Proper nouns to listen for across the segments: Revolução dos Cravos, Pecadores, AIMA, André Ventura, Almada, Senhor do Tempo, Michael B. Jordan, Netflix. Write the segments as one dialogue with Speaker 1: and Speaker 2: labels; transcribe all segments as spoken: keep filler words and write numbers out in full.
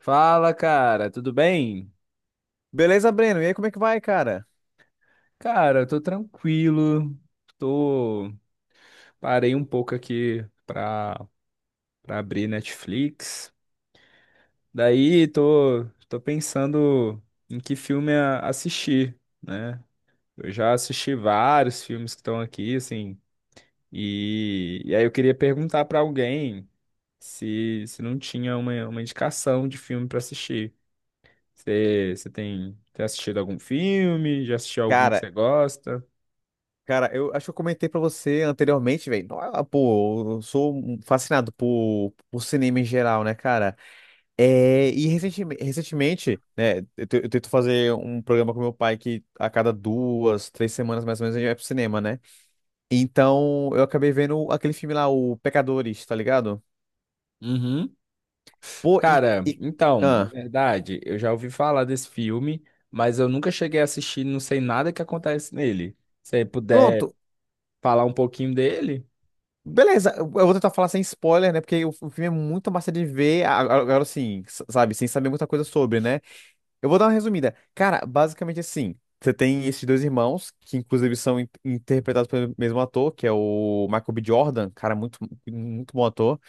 Speaker 1: Fala, cara, tudo bem?
Speaker 2: Beleza, Breno? E aí, como é que vai, cara?
Speaker 1: Cara, eu tô tranquilo. Tô parei um pouco aqui pra, pra abrir Netflix. Daí tô tô pensando em que filme a- assistir, né? Eu já assisti vários filmes que estão aqui, assim, e, e aí eu queria perguntar pra alguém se, se não tinha uma, uma indicação de filme pra assistir. Você você tem, tem assistido algum filme? Já assistiu algum que
Speaker 2: Cara,
Speaker 1: você gosta?
Speaker 2: cara, eu acho que eu comentei pra você anteriormente, velho. Nó- ah, Pô, eu sou um fascinado por, por cinema em geral, né, cara? É, e recentemente, recentemente, né, eu, te- eu tento fazer um programa com meu pai que a cada duas, três semanas mais ou menos a gente vai pro cinema, né? Então, eu acabei vendo aquele filme lá, o Pecadores, tá ligado?
Speaker 1: Uhum.
Speaker 2: Pô, e...
Speaker 1: Cara,
Speaker 2: e-
Speaker 1: então, na
Speaker 2: ah,
Speaker 1: verdade, eu já ouvi falar desse filme, mas eu nunca cheguei a assistir, não sei nada que acontece nele. Se você puder
Speaker 2: pronto.
Speaker 1: falar um pouquinho dele?
Speaker 2: Beleza, eu vou tentar falar sem spoiler, né? Porque o o filme é muito massa de ver, a- a- agora assim s- sabe, sem saber muita coisa sobre, né? Eu vou dar uma resumida. Cara, basicamente assim, você tem esses dois irmãos, que inclusive são in- interpretados pelo mesmo ator, que é o Michael B. Jordan, cara, muito, muito bom ator.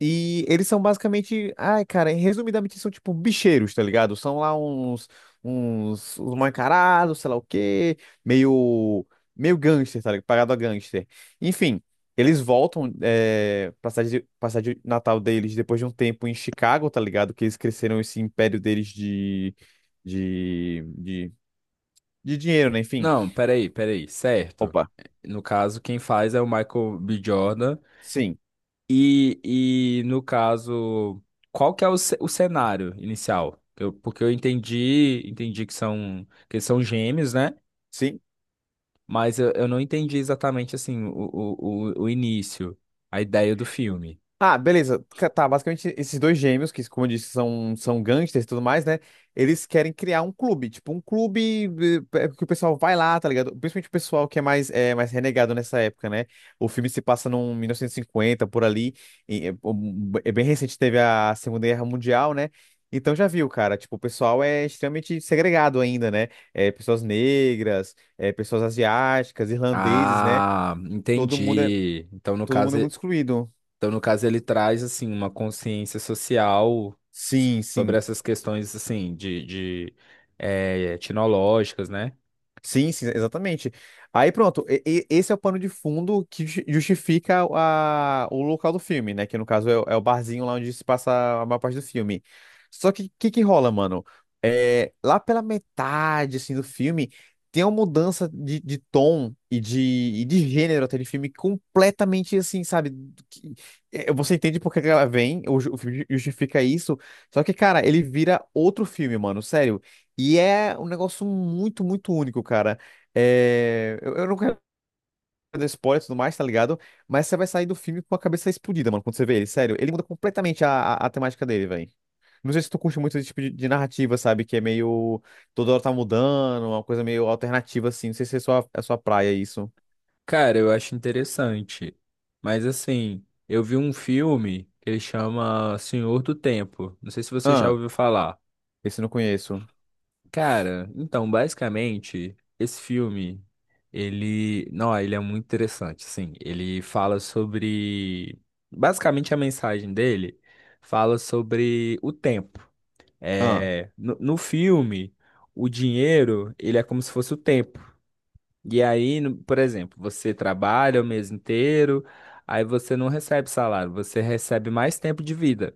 Speaker 2: E eles são basicamente, ai, cara, resumidamente são tipo bicheiros, tá ligado? São lá uns uns, uns mal encarados, sei lá o quê, meio meio gangster, tá ligado? Pagado a gangster. Enfim, eles voltam é, pra cidade, de- pra cidade de natal deles depois de um tempo em Chicago, tá ligado? Que eles cresceram esse império deles de de de, de dinheiro, né? Enfim.
Speaker 1: Não, peraí, peraí, certo.
Speaker 2: Opa.
Speaker 1: No caso, quem faz é o Michael B. Jordan.
Speaker 2: Sim.
Speaker 1: E, e no caso, qual que é o, ce- o cenário inicial? Eu- porque eu entendi, entendi que são, que são gêmeos, né?
Speaker 2: Sim,
Speaker 1: Mas eu, eu não entendi exatamente assim o, o, o o início, a ideia do filme.
Speaker 2: Ah, beleza. Ca- Tá, basicamente esses dois gêmeos, que como eu disse, são, são gangsters e tudo mais, né? Eles querem criar um clube, tipo um clube eh, eh, que o pessoal vai lá, tá ligado? Principalmente o pessoal que é mais, é, mais renegado nessa época, né? O filme se passa num mil novecentos e cinquenta, por ali, e, é um- é bem recente, teve a Segunda Guerra Mundial, né? Então já viu, cara, tipo, o pessoal é extremamente segregado ainda, né? É, pessoas negras, é, pessoas asiáticas, irlandeses, né?
Speaker 1: Ah,
Speaker 2: Todo mundo é,
Speaker 1: entendi. Então, no
Speaker 2: Todo mundo
Speaker 1: caso,
Speaker 2: é muito
Speaker 1: e-
Speaker 2: excluído.
Speaker 1: então, no caso, ele traz assim uma consciência social s-
Speaker 2: Sim,
Speaker 1: sobre
Speaker 2: sim.
Speaker 1: essas questões assim de, de eh, etnológicas, né?
Speaker 2: Sim, sim, exatamente. Aí pronto, e- e- esse é o pano de fundo que ju- justifica a, o local do filme, né? Que no caso é, o é o barzinho lá onde se passa a maior parte do filme. Só que o que, que rola, mano? É, lá pela metade assim, do filme, tem uma mudança de, de tom e de, e de gênero até de filme completamente assim, sabe? Que- é, você entende por que que ela vem, o, ju- o filme justifica isso. Só que, cara, ele vira outro filme, mano. Sério. E é um negócio muito, muito único, cara. É, Eu, eu não quero dar spoiler e tudo mais, tá ligado? Mas você vai sair do filme com a cabeça explodida, mano, quando você vê ele. Sério, ele muda completamente a, a, a temática dele, velho. Não sei se tu curte muito esse tipo de, de narrativa, sabe? Que é meio. Toda hora tá mudando, uma coisa meio alternativa, assim. Não sei se é sua, é sua praia isso.
Speaker 1: Cara, eu acho interessante. Mas assim, eu vi um filme que ele chama Senhor do Tempo. Não sei se você já
Speaker 2: Ah,
Speaker 1: ouviu falar.
Speaker 2: esse eu não conheço.
Speaker 1: Cara, então, basicamente, esse filme, ele, não, ele é muito interessante, sim. Ele fala sobre, basicamente a mensagem dele fala sobre o tempo.
Speaker 2: Ah,
Speaker 1: É, no, no filme, o dinheiro, ele é como se fosse o tempo. E aí, no- por exemplo, você trabalha o mês inteiro, aí você não recebe salário, você recebe mais tempo de vida.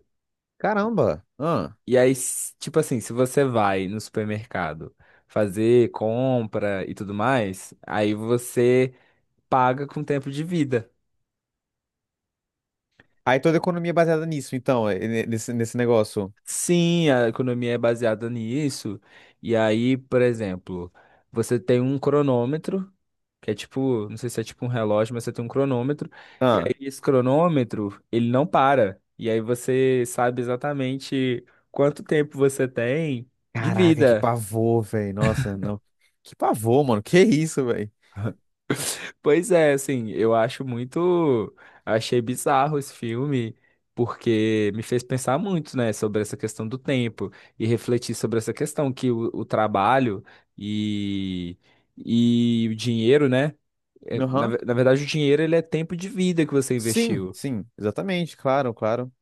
Speaker 2: caramba. Ah.
Speaker 1: E aí, s- tipo assim, se você vai no supermercado fazer compra e tudo mais, aí você paga com tempo de vida.
Speaker 2: Aí toda a economia é baseada nisso, então, é, ne- nesse, nesse negócio.
Speaker 1: Sim, a economia é baseada nisso. E aí, por exemplo, você tem um cronômetro, que é tipo, não sei se é tipo um relógio, mas você tem um cronômetro, e aí esse cronômetro, ele não para. E aí você sabe exatamente quanto tempo você tem de
Speaker 2: Caraca, que
Speaker 1: vida.
Speaker 2: pavor, velho. Nossa, não. Que pavor, mano. Que isso, velho?
Speaker 1: Pois é, assim, eu acho muito. Achei bizarro esse filme, porque me fez pensar muito, né, sobre essa questão do tempo e refletir sobre essa questão que o, o trabalho e, e o dinheiro, né? É, Na,
Speaker 2: Aham.
Speaker 1: ve- na verdade, o dinheiro ele é tempo de vida que você
Speaker 2: Sim,
Speaker 1: investiu.
Speaker 2: sim, exatamente, claro, claro.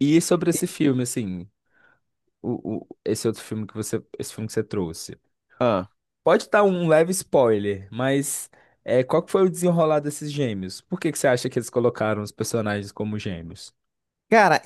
Speaker 1: E sobre esse filme, assim, o, o- esse outro filme que você, esse filme que você trouxe.
Speaker 2: Ah.
Speaker 1: Pode estar um leve spoiler, mas é, qual que foi o desenrolar desses gêmeos? Por que que você acha que eles colocaram os personagens como gêmeos?
Speaker 2: Cara.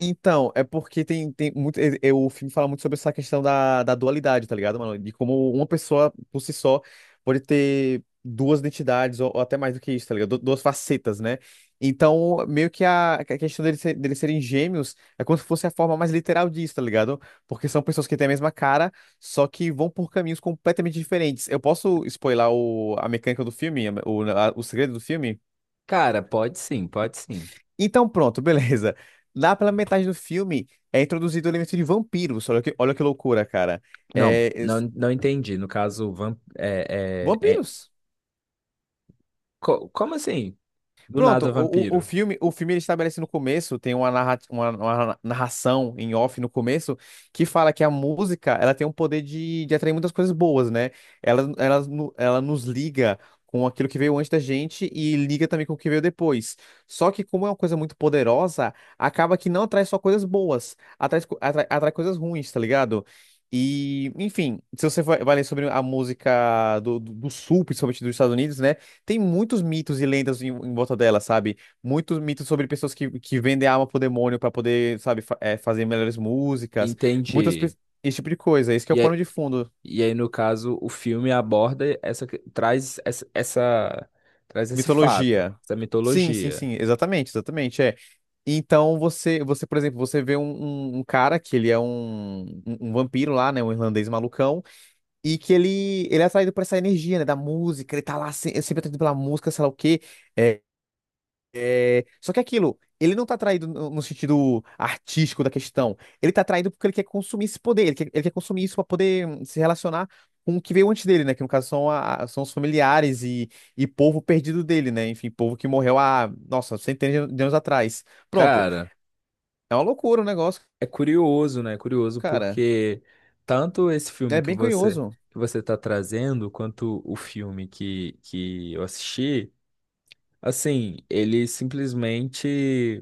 Speaker 2: Então, é porque tem, tem muito. é- é- o filme fala muito sobre essa questão da, da dualidade, tá ligado, mano? De como uma pessoa, por si só, pode ter duas identidades, ou, ou até mais do que isso, tá ligado? Du- Duas facetas, né? Então, meio que a, a questão deles, ser- deles serem gêmeos é como se fosse a forma mais literal disso, tá ligado? Porque são pessoas que têm a mesma cara, só que vão por caminhos completamente diferentes. Eu posso spoiler o, a mecânica do filme, a- o, a- o segredo do filme?
Speaker 1: Cara, pode sim, pode sim.
Speaker 2: Então, pronto, beleza. Lá pela metade do filme é introduzido o elemento de vampiros. Olha que, olha que loucura, cara.
Speaker 1: Não,
Speaker 2: É,
Speaker 1: não,
Speaker 2: es-
Speaker 1: não entendi. No caso, vamp é, é, é-
Speaker 2: vampiros.
Speaker 1: co- como assim? Do
Speaker 2: Pronto,
Speaker 1: nada
Speaker 2: o, o, o
Speaker 1: vampiro.
Speaker 2: filme, o filme ele estabelece no começo, tem uma, narra, uma, uma narração em off no começo, que fala que a música, ela tem um poder de, de atrair muitas coisas boas, né? Ela, ela, no- ela nos liga com aquilo que veio antes da gente e liga também com o que veio depois. Só que como é uma coisa muito poderosa, acaba que não atrai só coisas boas, atrai, co- atrai, atrai coisas ruins, tá ligado? E, enfim, se você vai vai ler sobre a música do, do, do Sul, principalmente dos Estados Unidos, né? tem muitos mitos e lendas em, em volta dela, sabe? Muitos mitos sobre pessoas que, que vendem a alma pro demônio pra poder, sabe, fa- é, fazer melhores músicas, muitas pe-
Speaker 1: Entendi.
Speaker 2: esse tipo de coisa. Esse que é o
Speaker 1: E,
Speaker 2: pano
Speaker 1: aí-
Speaker 2: de fundo,
Speaker 1: e aí, no caso, o filme aborda essa, que- traz essa, essa- traz esse fato,
Speaker 2: mitologia.
Speaker 1: essa
Speaker 2: Sim, sim,
Speaker 1: mitologia.
Speaker 2: sim, exatamente, exatamente, é. Então você, você, por exemplo, você vê um, um- um cara que ele é um, um, um vampiro lá, né, um irlandês malucão, e que ele, ele é atraído por essa energia, né, da música, ele tá lá se- sempre atraído pela música, sei lá o quê. É, É, Só que aquilo, ele não tá traído no no sentido artístico da questão. Ele tá traído porque ele quer consumir esse poder, ele quer, ele quer consumir isso pra poder hum, se relacionar com o que veio antes dele, né? Que no caso são, a- são os familiares e, e povo perdido dele, né? Enfim, povo que morreu há, nossa, centenas de anos atrás. Pronto.
Speaker 1: Cara.
Speaker 2: É uma loucura o negócio,
Speaker 1: É curioso, né? É curioso
Speaker 2: cara.
Speaker 1: porque tanto esse filme
Speaker 2: É
Speaker 1: que
Speaker 2: bem
Speaker 1: você
Speaker 2: curioso.
Speaker 1: que você está trazendo, quanto o filme que, que eu assisti. Assim, ele simplesmente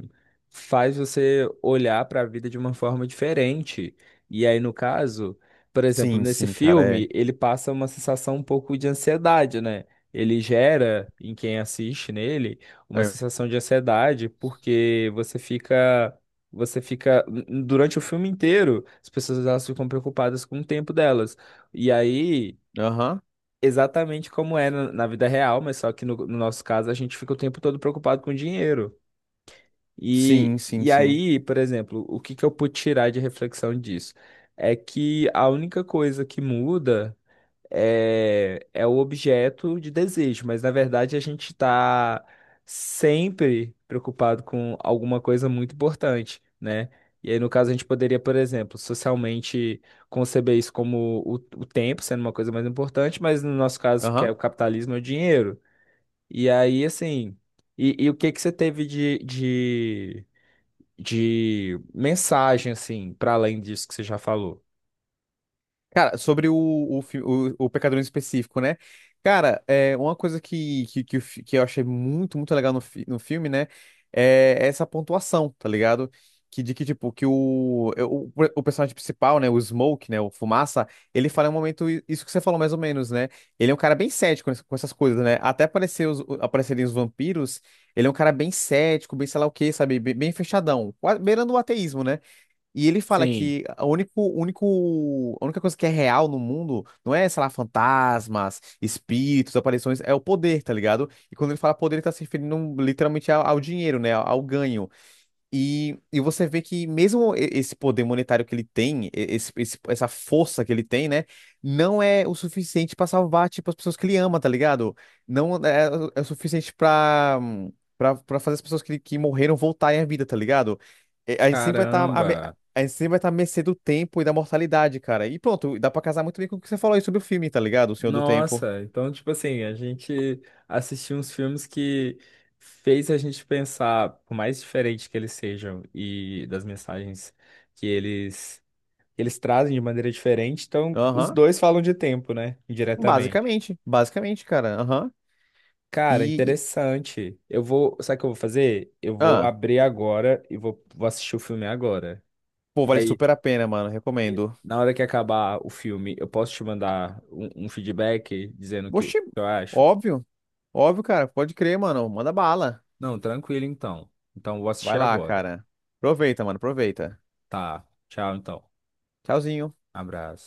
Speaker 1: faz você olhar para a vida de uma forma diferente. E aí, no caso, por exemplo,
Speaker 2: Sim,
Speaker 1: nesse
Speaker 2: sim, cara,
Speaker 1: filme,
Speaker 2: é.
Speaker 1: ele passa uma sensação um pouco de ansiedade, né? Ele gera em quem assiste nele uma
Speaker 2: É.
Speaker 1: sensação de ansiedade, porque você fica, você fica durante o filme inteiro, as pessoas elas ficam preocupadas com o tempo delas. E aí
Speaker 2: Aham.
Speaker 1: exatamente como é na na vida real, mas só que no, no nosso caso a gente fica o tempo todo preocupado com dinheiro. E,
Speaker 2: Sim, sim,
Speaker 1: e
Speaker 2: sim.
Speaker 1: aí, por exemplo, o que que eu pude tirar de reflexão disso? É que a única coisa que muda é, é o objeto de desejo, mas na verdade a gente está sempre preocupado com alguma coisa muito importante, né? E aí, no caso, a gente poderia, por exemplo, socialmente conceber isso como o, o tempo sendo uma coisa mais importante, mas no nosso caso, que é
Speaker 2: Aham.
Speaker 1: o capitalismo, é o dinheiro. E aí, assim, e, e o que que você teve de, de, de mensagem, assim, para além disso que você já falou?
Speaker 2: Cara, sobre o, o, fi- o, o Pecador em específico, né? Cara, é, uma coisa que, que, que, o fi- que eu achei muito, muito legal no, fi- no filme, né? É essa pontuação, tá ligado? Que de que, tipo, que o, é, o, o personagem principal, né? O Smoke, né? O Fumaça, ele fala em um momento i- isso que você falou mais ou menos, né? Ele é um cara bem cético ness- com essas coisas, né? Até aparecer os, o- aparecerem os vampiros, ele é um cara bem cético, bem sei lá o quê, sabe? Bem, bem fechadão, quase beirando o ateísmo, né? E ele fala
Speaker 1: Sim,
Speaker 2: que a único, único, a única coisa que é real no mundo não é, sei lá, fantasmas, espíritos, aparições, é o poder, tá ligado? E quando ele fala poder, ele tá se referindo literalmente ao, ao dinheiro, né? Ao ganho. E, e você vê que mesmo e- esse poder monetário que ele tem, e- esse, esse- essa força que ele tem, né, não é o suficiente pra salvar, tipo, as pessoas que ele ama, tá ligado? Não é, o é o suficiente pra para para fazer as pessoas que, que morreram voltarem à vida, tá ligado? E A gente sempre vai estar a, me-
Speaker 1: caramba.
Speaker 2: a gente sempre vai estar à mercê do tempo e da mortalidade, cara. E pronto, dá pra casar muito bem com o que você falou aí sobre o filme, tá ligado? O Senhor do Tempo.
Speaker 1: Nossa, então, tipo assim, a gente assistiu uns filmes que fez a gente pensar, por mais diferente que eles sejam e das mensagens que eles, que eles trazem de maneira diferente, então os
Speaker 2: Aham.
Speaker 1: dois falam de tempo, né? Indiretamente.
Speaker 2: Basicamente, basicamente, cara. Aham.
Speaker 1: Cara,
Speaker 2: E, e-
Speaker 1: interessante. Eu vou, sabe o que eu vou fazer? Eu vou
Speaker 2: ah,
Speaker 1: abrir agora e vou, vou assistir o filme agora.
Speaker 2: pô,
Speaker 1: E
Speaker 2: vale
Speaker 1: aí,
Speaker 2: super a pena, mano.
Speaker 1: e
Speaker 2: Recomendo.
Speaker 1: na hora que acabar o filme, eu posso te mandar um, um feedback dizendo o que o
Speaker 2: Oxi,
Speaker 1: que eu acho?
Speaker 2: óbvio, óbvio, cara. Pode crer, mano. Manda bala.
Speaker 1: Não, tranquilo então. Então, vou
Speaker 2: Vai
Speaker 1: assistir
Speaker 2: lá,
Speaker 1: agora.
Speaker 2: cara. Aproveita, mano, aproveita.
Speaker 1: Tá. Tchau, então.
Speaker 2: Tchauzinho.
Speaker 1: Abraço.